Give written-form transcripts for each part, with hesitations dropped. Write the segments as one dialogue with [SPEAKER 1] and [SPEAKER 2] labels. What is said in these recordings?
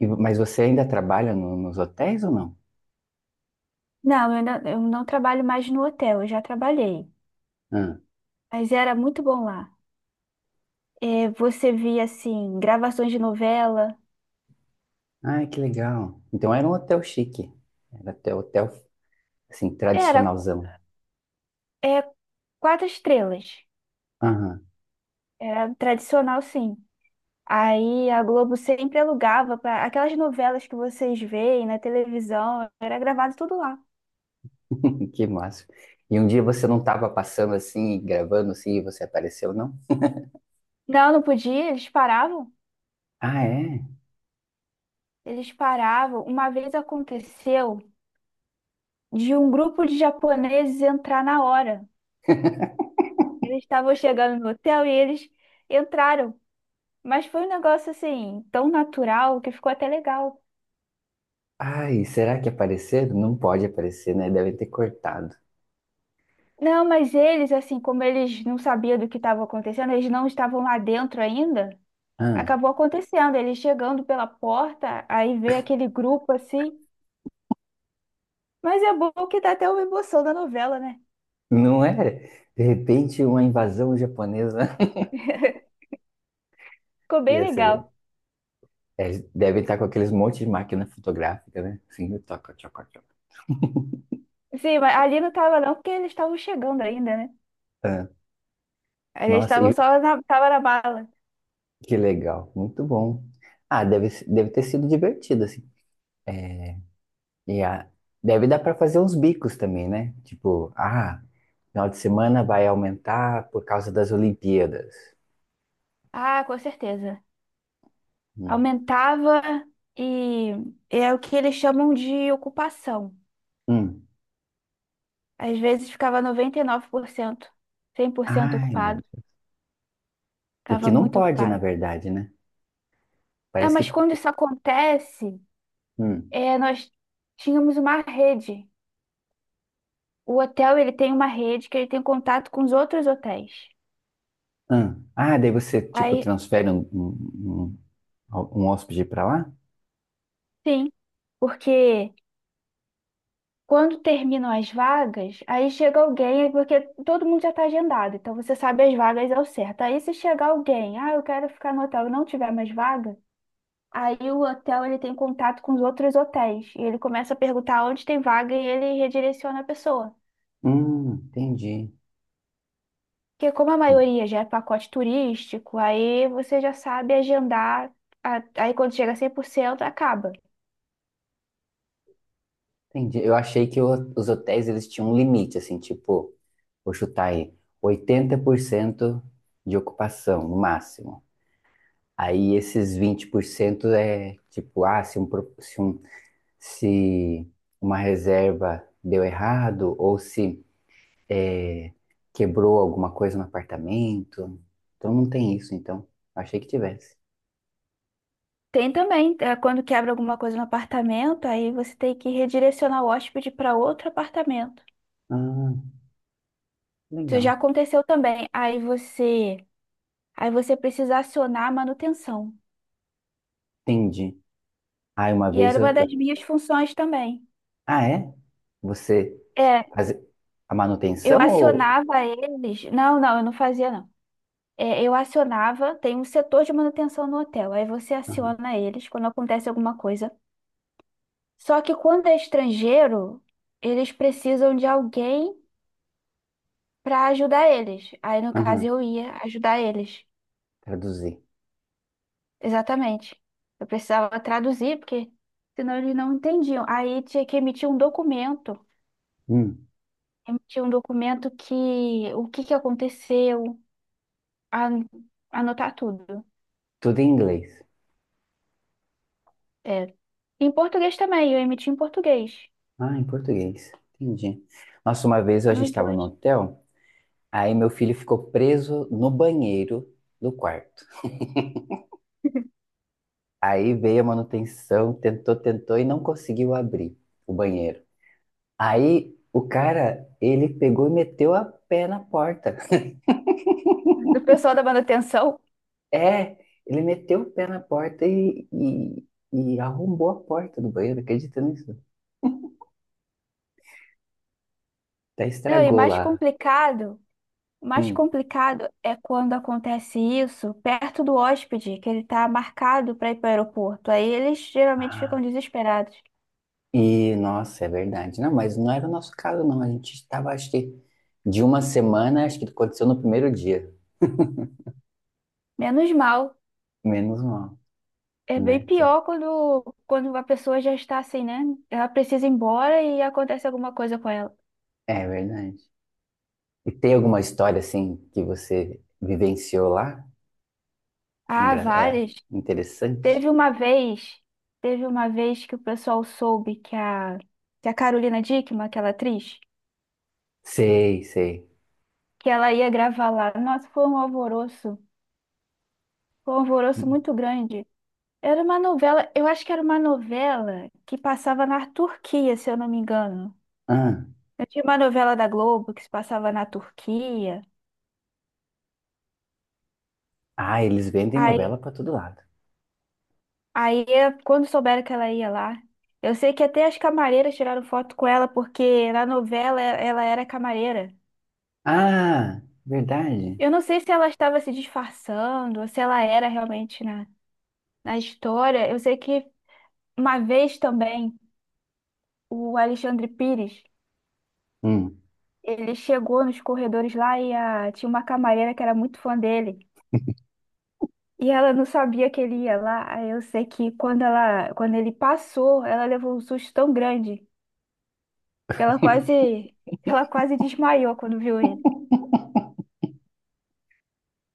[SPEAKER 1] E mas você ainda trabalha nos hotéis ou não?
[SPEAKER 2] Não, eu não trabalho mais no hotel, eu já trabalhei.
[SPEAKER 1] Ah,
[SPEAKER 2] Mas era muito bom lá. É, você via, assim, gravações de novela.
[SPEAKER 1] ai, que legal. Então era um hotel chique. Era até hotel, assim,
[SPEAKER 2] Era,
[SPEAKER 1] tradicionalzão.
[SPEAKER 2] é, quatro estrelas.
[SPEAKER 1] Aham.
[SPEAKER 2] Era tradicional, sim. Aí a Globo sempre alugava para aquelas novelas que vocês veem na televisão, era gravado tudo lá.
[SPEAKER 1] Que massa. E um dia você não estava passando assim, gravando assim, e você apareceu, não?
[SPEAKER 2] Não, não podia, eles paravam.
[SPEAKER 1] Ah, é?
[SPEAKER 2] Eles paravam. Uma vez aconteceu de um grupo de japoneses entrar na hora. Eles estavam chegando no hotel e eles entraram. Mas foi um negócio assim, tão natural que ficou até legal.
[SPEAKER 1] Ai, será que apareceram? Não pode aparecer, né? Devem ter cortado.
[SPEAKER 2] Não, mas eles, assim, como eles não sabiam do que estava acontecendo, eles não estavam lá dentro ainda,
[SPEAKER 1] Ah,
[SPEAKER 2] acabou acontecendo. Eles chegando pela porta, aí vê aquele grupo assim. Mas é bom que dá até uma emoção da novela, né?
[SPEAKER 1] não é? De repente, uma invasão japonesa.
[SPEAKER 2] Ficou bem
[SPEAKER 1] Ia ser legal.
[SPEAKER 2] legal.
[SPEAKER 1] É, devem estar com aqueles monte de máquina fotográfica, né? Assim, toca, toca, toca.
[SPEAKER 2] Sim, mas ali não tava não, porque eles estavam chegando ainda, né?
[SPEAKER 1] Ah,
[SPEAKER 2] Eles
[SPEAKER 1] nossa,
[SPEAKER 2] estavam
[SPEAKER 1] e,
[SPEAKER 2] tava na bala.
[SPEAKER 1] que legal, muito bom. Ah, deve ter sido divertido, assim. É, e a, deve dar para fazer uns bicos também, né? Tipo, ah, final de semana vai aumentar por causa das Olimpíadas.
[SPEAKER 2] Ah, com certeza.
[SPEAKER 1] Hum.
[SPEAKER 2] Aumentava e é o que eles chamam de ocupação.
[SPEAKER 1] Hum.
[SPEAKER 2] Às vezes ficava 99%, 100%
[SPEAKER 1] Ai, meu
[SPEAKER 2] ocupado.
[SPEAKER 1] Deus. O que
[SPEAKER 2] Ficava
[SPEAKER 1] não
[SPEAKER 2] muito
[SPEAKER 1] pode, na
[SPEAKER 2] ocupado.
[SPEAKER 1] verdade, né?
[SPEAKER 2] É,
[SPEAKER 1] Parece
[SPEAKER 2] mas quando
[SPEAKER 1] que.
[SPEAKER 2] isso acontece,
[SPEAKER 1] Hum.
[SPEAKER 2] nós tínhamos uma rede. O hotel, ele tem uma rede que ele tem contato com os outros hotéis.
[SPEAKER 1] Hum. Ah, daí você, tipo,
[SPEAKER 2] Aí,
[SPEAKER 1] transfere um hóspede para lá?
[SPEAKER 2] sim, porque quando terminam as vagas, aí chega alguém, é porque todo mundo já está agendado, então você sabe as vagas ao certo. Aí se chegar alguém, ah, eu quero ficar no hotel e não tiver mais vaga, aí o hotel ele tem contato com os outros hotéis e ele começa a perguntar onde tem vaga e ele redireciona a pessoa.
[SPEAKER 1] Entendi.
[SPEAKER 2] Porque como a maioria já é pacote turístico, aí você já sabe agendar, aí quando chega a 100% acaba.
[SPEAKER 1] Entendi. Eu achei que os hotéis, eles tinham um limite, assim, tipo. Vou chutar aí, 80% de ocupação, no máximo. Aí esses 20% é tipo, ah, se, um, se, se uma reserva deu errado ou se é, quebrou alguma coisa no apartamento. Então não tem isso, então. Achei que tivesse.
[SPEAKER 2] Tem também, é, quando quebra alguma coisa no apartamento, aí você tem que redirecionar o hóspede para outro apartamento.
[SPEAKER 1] Ah,
[SPEAKER 2] Isso já
[SPEAKER 1] legal.
[SPEAKER 2] aconteceu também. Aí você precisa acionar a manutenção.
[SPEAKER 1] Entendi. Ah, uma
[SPEAKER 2] E
[SPEAKER 1] vez
[SPEAKER 2] era uma
[SPEAKER 1] eu...
[SPEAKER 2] das minhas funções também.
[SPEAKER 1] Ah, é? Você
[SPEAKER 2] É.
[SPEAKER 1] faz a
[SPEAKER 2] Eu
[SPEAKER 1] manutenção ou...
[SPEAKER 2] acionava eles. Não, não, eu não fazia, não. É, eu acionava, tem um setor de manutenção no hotel. Aí você
[SPEAKER 1] Aham,
[SPEAKER 2] aciona eles quando acontece alguma coisa. Só que quando é estrangeiro, eles precisam de alguém para ajudar eles. Aí, no caso,
[SPEAKER 1] aham,
[SPEAKER 2] eu ia ajudar eles.
[SPEAKER 1] traduzir.
[SPEAKER 2] Exatamente. Eu precisava traduzir, porque senão eles não entendiam. Aí tinha que emitir um documento.
[SPEAKER 1] Hum.
[SPEAKER 2] Emitir um documento que o que que aconteceu, an- anotar tudo.
[SPEAKER 1] Tudo em inglês.
[SPEAKER 2] É. Em português também, eu emiti em português.
[SPEAKER 1] Ah, em português. Entendi. Nossa, uma vez a gente
[SPEAKER 2] Nos
[SPEAKER 1] estava no
[SPEAKER 2] dois.
[SPEAKER 1] hotel, aí meu filho ficou preso no banheiro do quarto. Aí veio a manutenção, tentou, tentou e não conseguiu abrir o banheiro. Aí o cara, ele pegou e meteu a pé na porta.
[SPEAKER 2] O pessoal da dando atenção.
[SPEAKER 1] É, ele meteu o pé na porta e arrombou a porta do banheiro, acredita nisso? Até
[SPEAKER 2] Não, e
[SPEAKER 1] estragou
[SPEAKER 2] mais
[SPEAKER 1] lá.
[SPEAKER 2] complicado, o mais
[SPEAKER 1] Hum.
[SPEAKER 2] complicado é quando acontece isso perto do hóspede, que ele tá marcado para ir para o aeroporto. Aí eles geralmente ficam desesperados.
[SPEAKER 1] E, nossa, é verdade. Não, mas não era o nosso caso, não. A gente estava, acho que, de uma semana, acho que aconteceu no primeiro dia.
[SPEAKER 2] Menos mal.
[SPEAKER 1] Menos mal,
[SPEAKER 2] É bem
[SPEAKER 1] né?
[SPEAKER 2] pior quando, quando a pessoa já está assim, né? Ela precisa ir embora e acontece alguma coisa com ela.
[SPEAKER 1] É verdade. E tem alguma história, assim, que você vivenciou lá?
[SPEAKER 2] Ah,
[SPEAKER 1] É,
[SPEAKER 2] várias.
[SPEAKER 1] interessante.
[SPEAKER 2] Teve uma vez, teve uma vez que o pessoal soube que a Carolina Dickman, aquela atriz,
[SPEAKER 1] Sei, sei.
[SPEAKER 2] que ela ia gravar lá. Nossa, foi um alvoroço
[SPEAKER 1] Hum.
[SPEAKER 2] muito grande. Era uma novela, eu acho que era uma novela que passava na Turquia, se eu não me engano.
[SPEAKER 1] Ah,
[SPEAKER 2] Eu tinha uma novela da Globo que se passava na Turquia.
[SPEAKER 1] ah, eles vendem
[SPEAKER 2] Aí,
[SPEAKER 1] novela para todo lado.
[SPEAKER 2] aí, quando souberam que ela ia lá, eu sei que até as camareiras tiraram foto com ela, porque na novela ela era camareira.
[SPEAKER 1] Ah, verdade.
[SPEAKER 2] Eu não sei se ela estava se disfarçando, ou se ela era realmente na história. Eu sei que uma vez também o Alexandre Pires,
[SPEAKER 1] Hum,
[SPEAKER 2] ele chegou nos corredores lá e tinha uma camareira que era muito fã dele. E ela não sabia que ele ia lá. Aí eu sei que quando ela, quando ele passou, ela levou um susto tão grande que ela quase desmaiou quando viu ele.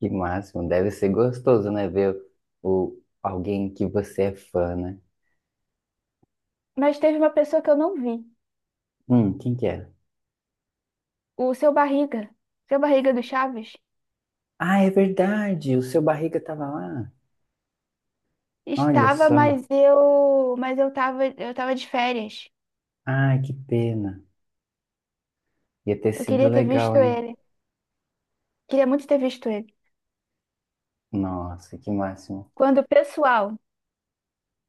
[SPEAKER 1] que máximo. Deve ser gostoso, né? Ver o, alguém que você é fã, né?
[SPEAKER 2] Mas teve uma pessoa que eu não vi,
[SPEAKER 1] Quem que é?
[SPEAKER 2] o seu Barriga do Chaves.
[SPEAKER 1] Ah, é verdade, o seu Barriga tava lá. Olha
[SPEAKER 2] Estava,
[SPEAKER 1] só.
[SPEAKER 2] mas eu tava de férias.
[SPEAKER 1] Ai, que pena. Ia ter
[SPEAKER 2] Eu
[SPEAKER 1] sido
[SPEAKER 2] queria ter
[SPEAKER 1] legal,
[SPEAKER 2] visto
[SPEAKER 1] hein?
[SPEAKER 2] ele. Queria muito ter visto ele.
[SPEAKER 1] Nossa, que máximo.
[SPEAKER 2] Quando o pessoal,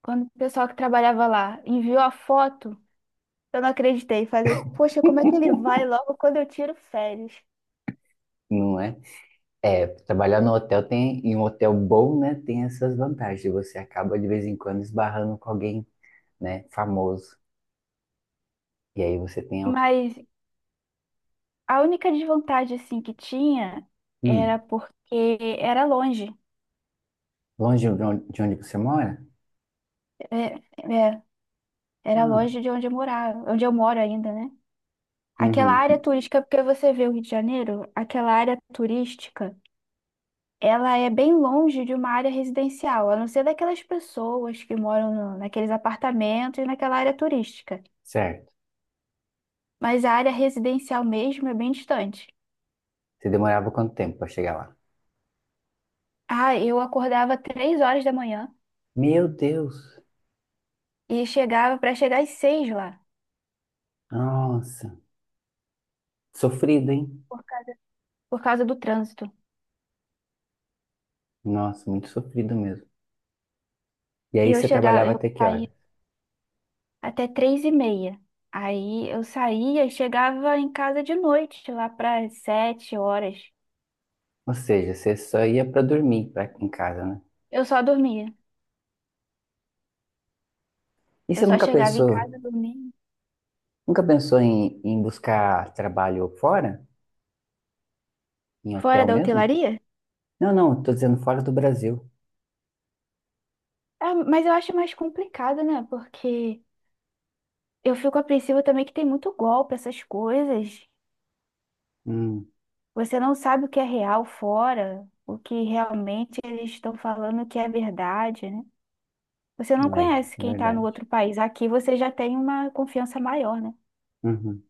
[SPEAKER 2] quando o pessoal que trabalhava lá enviou a foto, eu não acreditei. Falei, poxa, como é que ele vai logo quando eu tiro férias?
[SPEAKER 1] Não é? É, trabalhar no hotel tem, em um hotel bom, né, tem essas vantagens. Você acaba de vez em quando esbarrando com alguém, né, famoso. E aí você tem,
[SPEAKER 2] Mas a única desvantagem assim que tinha era
[SPEAKER 1] hum,
[SPEAKER 2] porque era longe.
[SPEAKER 1] longe de onde você mora?
[SPEAKER 2] É, é, era
[SPEAKER 1] Ah,
[SPEAKER 2] longe de onde eu morava, onde eu moro ainda, né? Aquela
[SPEAKER 1] uhum,
[SPEAKER 2] área turística, porque você vê o Rio de Janeiro, aquela área turística ela é bem longe de uma área residencial, a não ser daquelas pessoas que moram naqueles apartamentos e naquela área turística.
[SPEAKER 1] certo.
[SPEAKER 2] Mas a área residencial mesmo é bem distante.
[SPEAKER 1] Você demorava quanto tempo para chegar lá?
[SPEAKER 2] Ah, eu acordava 3h da manhã
[SPEAKER 1] Meu Deus.
[SPEAKER 2] e chegava para chegar às 6h lá,
[SPEAKER 1] Nossa, sofrido, hein?
[SPEAKER 2] por causa por causa do trânsito.
[SPEAKER 1] Nossa, muito sofrido mesmo. E
[SPEAKER 2] E
[SPEAKER 1] aí
[SPEAKER 2] eu
[SPEAKER 1] você
[SPEAKER 2] chegava,
[SPEAKER 1] trabalhava
[SPEAKER 2] eu
[SPEAKER 1] até que
[SPEAKER 2] saía
[SPEAKER 1] hora?
[SPEAKER 2] até 15h30. Aí eu saía e chegava em casa de noite, lá para 7h.
[SPEAKER 1] Ou seja, você só ia para dormir pra, em casa, né?
[SPEAKER 2] Eu só dormia.
[SPEAKER 1] E
[SPEAKER 2] Eu
[SPEAKER 1] você
[SPEAKER 2] só
[SPEAKER 1] nunca
[SPEAKER 2] chegava em
[SPEAKER 1] pensou,
[SPEAKER 2] casa, dormia.
[SPEAKER 1] nunca pensou em, em buscar trabalho fora? Em hotel
[SPEAKER 2] Fora da
[SPEAKER 1] mesmo?
[SPEAKER 2] hotelaria?
[SPEAKER 1] Não, não, tô dizendo fora do Brasil.
[SPEAKER 2] É, mas eu acho mais complicado, né? Porque eu fico apreensiva também que tem muito golpe, essas coisas.
[SPEAKER 1] Hum,
[SPEAKER 2] Você não sabe o que é real fora, o que realmente eles estão falando que é verdade, né? Você não
[SPEAKER 1] é
[SPEAKER 2] conhece quem está no
[SPEAKER 1] verdade.
[SPEAKER 2] outro país. Aqui você já tem uma confiança maior, né?
[SPEAKER 1] Uhum.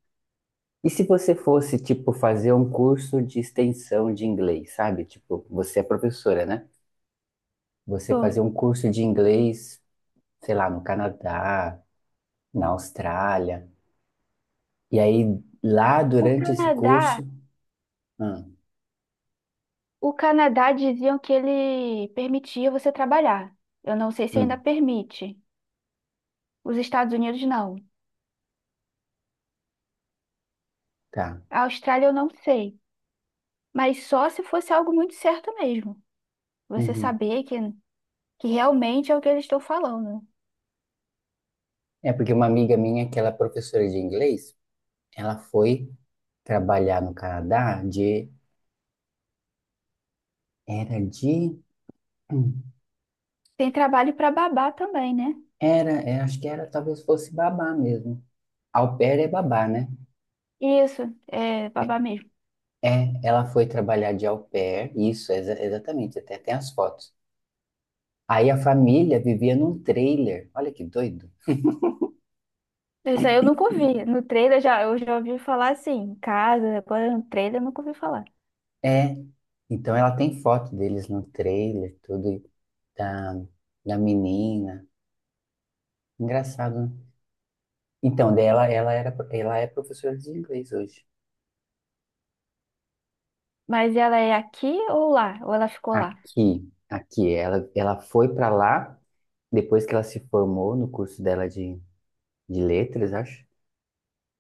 [SPEAKER 1] E se você fosse, tipo, fazer um curso de extensão de inglês, sabe? Tipo, você é professora, né? Você
[SPEAKER 2] Tô.
[SPEAKER 1] fazer um curso de inglês, sei lá, no Canadá, na Austrália, e aí lá
[SPEAKER 2] O
[SPEAKER 1] durante esse
[SPEAKER 2] Canadá,
[SPEAKER 1] curso. Hum.
[SPEAKER 2] o Canadá diziam que ele permitia você trabalhar. Eu não sei se ainda
[SPEAKER 1] Hum.
[SPEAKER 2] permite. Os Estados Unidos não.
[SPEAKER 1] Tá.
[SPEAKER 2] A Austrália eu não sei. Mas só se fosse algo muito certo mesmo. Você
[SPEAKER 1] Uhum.
[SPEAKER 2] saber que realmente é o que eles estão falando.
[SPEAKER 1] É porque uma amiga minha, que ela é professora de inglês, ela foi trabalhar no Canadá de, hum,
[SPEAKER 2] Tem trabalho para babar também, né?
[SPEAKER 1] era, é, acho que era, talvez fosse babá mesmo. Au pair é babá, né?
[SPEAKER 2] Isso, é babar mesmo.
[SPEAKER 1] É, ela foi trabalhar de au pair, isso, exatamente, até tem as fotos. Aí a família vivia num trailer, olha que doido.
[SPEAKER 2] Isso aí eu nunca ouvi. No trailer já, eu já ouvi falar assim, em casa, agora no trailer eu nunca ouvi falar.
[SPEAKER 1] É, então ela tem foto deles no trailer, tudo, e da, da menina. Engraçado, né? Então, dela, ela era, ela é professora de inglês hoje.
[SPEAKER 2] Mas ela é aqui ou lá? Ou ela ficou lá?
[SPEAKER 1] Aqui, aqui, ela foi para lá depois que ela se formou no curso dela de letras, acho.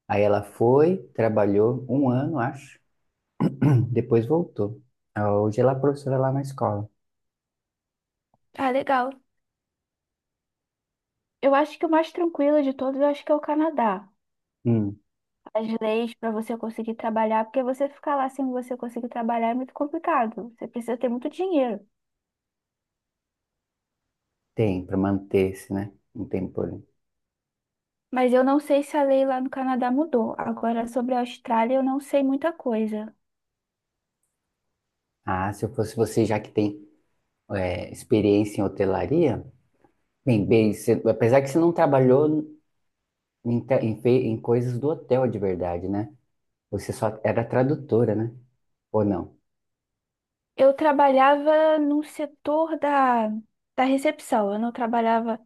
[SPEAKER 1] Aí ela foi, trabalhou um ano, acho, depois voltou. Ah, hoje ela é professora lá na escola.
[SPEAKER 2] Ah, legal. Eu acho que o mais tranquilo de todos, eu acho que é o Canadá.
[SPEAKER 1] Hum,
[SPEAKER 2] As leis para você conseguir trabalhar, porque você ficar lá sem você conseguir trabalhar é muito complicado. Você precisa ter muito dinheiro.
[SPEAKER 1] tem, para manter-se, né? Não tem problema.
[SPEAKER 2] Mas eu não sei se a lei lá no Canadá mudou. Agora, sobre a Austrália, eu não sei muita coisa.
[SPEAKER 1] Ah, se eu fosse você, já que tem é, experiência em hotelaria, bem, bem, você- apesar que você não trabalhou em, te- em, fe- em coisas do hotel de verdade, né? Você só era tradutora, né? Ou não?
[SPEAKER 2] Eu trabalhava no setor da recepção. Eu não trabalhava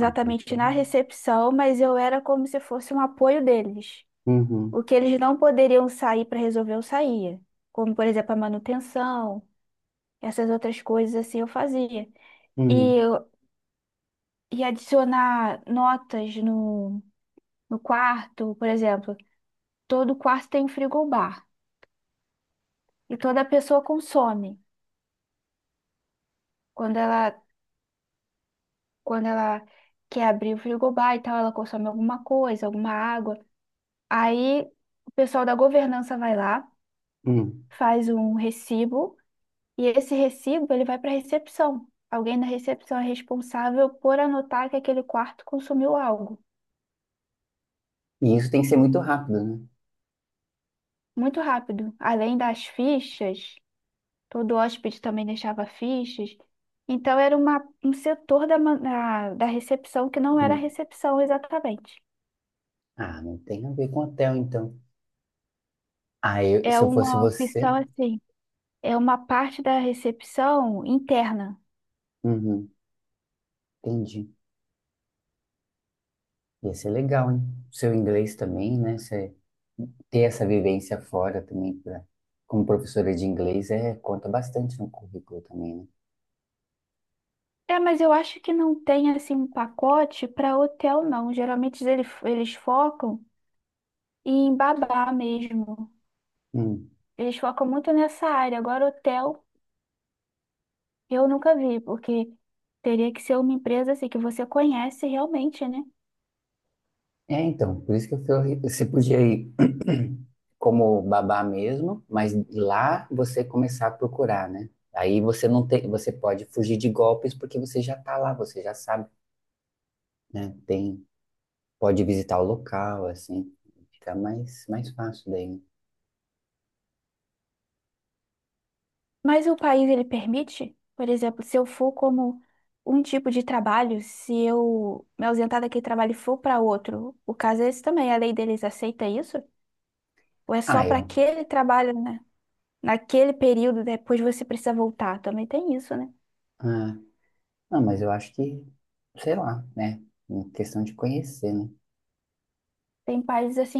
[SPEAKER 1] Ah, então.
[SPEAKER 2] na recepção, mas eu era como se fosse um apoio deles.
[SPEAKER 1] Uhum,
[SPEAKER 2] O que eles não poderiam sair para resolver, eu saía. Como, por exemplo, a manutenção, essas outras coisas assim eu fazia. E,
[SPEAKER 1] uhum,
[SPEAKER 2] eu- e adicionar notas no quarto, por exemplo. Todo quarto tem um frigobar. E toda pessoa consome. Quando ela, quando ela quer abrir o frigobar e tal, ela consome alguma coisa, alguma água. Aí o pessoal da governança vai lá,
[SPEAKER 1] uhum.
[SPEAKER 2] faz um recibo, e esse recibo ele vai para a recepção. Alguém na recepção é responsável por anotar que aquele quarto consumiu algo.
[SPEAKER 1] E isso tem que ser muito rápido, né?
[SPEAKER 2] Muito rápido. Além das fichas, todo hóspede também deixava fichas. Então era uma, um setor da, ma- da da recepção que não era a
[SPEAKER 1] Uhum.
[SPEAKER 2] recepção exatamente.
[SPEAKER 1] Ah, não tem a ver com hotel, então. Ah, eu,
[SPEAKER 2] É
[SPEAKER 1] se eu fosse
[SPEAKER 2] uma
[SPEAKER 1] você,
[SPEAKER 2] opção assim, é uma parte da recepção interna.
[SPEAKER 1] uhum, entendi. Ia ser legal, hein? Seu inglês também, né? Você ter essa vivência fora também, pra, como professora de inglês, é, conta bastante no currículo também,
[SPEAKER 2] É, mas eu acho que não tem assim um pacote para hotel, não. Geralmente eles focam em babá mesmo.
[SPEAKER 1] né?
[SPEAKER 2] Eles focam muito nessa área. Agora, hotel eu nunca vi, porque teria que ser uma empresa assim que você conhece realmente, né?
[SPEAKER 1] É, então, por isso que eu falei, você podia ir como babá mesmo, mas lá você começar a procurar, né? Aí você não tem, você pode fugir de golpes porque você já tá lá, você já sabe, né? Tem, pode visitar o local, assim, fica mais, mais fácil daí. Né?
[SPEAKER 2] Mas o país ele permite, por exemplo, se eu for como um tipo de trabalho, se eu me ausentar daquele trabalho e for para outro, o caso é esse também, a lei deles aceita isso? Ou é só
[SPEAKER 1] Ah,
[SPEAKER 2] para
[SPEAKER 1] eu,
[SPEAKER 2] aquele trabalho, né? Naquele período, depois você precisa voltar? Também tem isso, né?
[SPEAKER 1] ah, não, mas eu acho que, sei lá, né? Uma questão de conhecer, né?
[SPEAKER 2] Tem países assim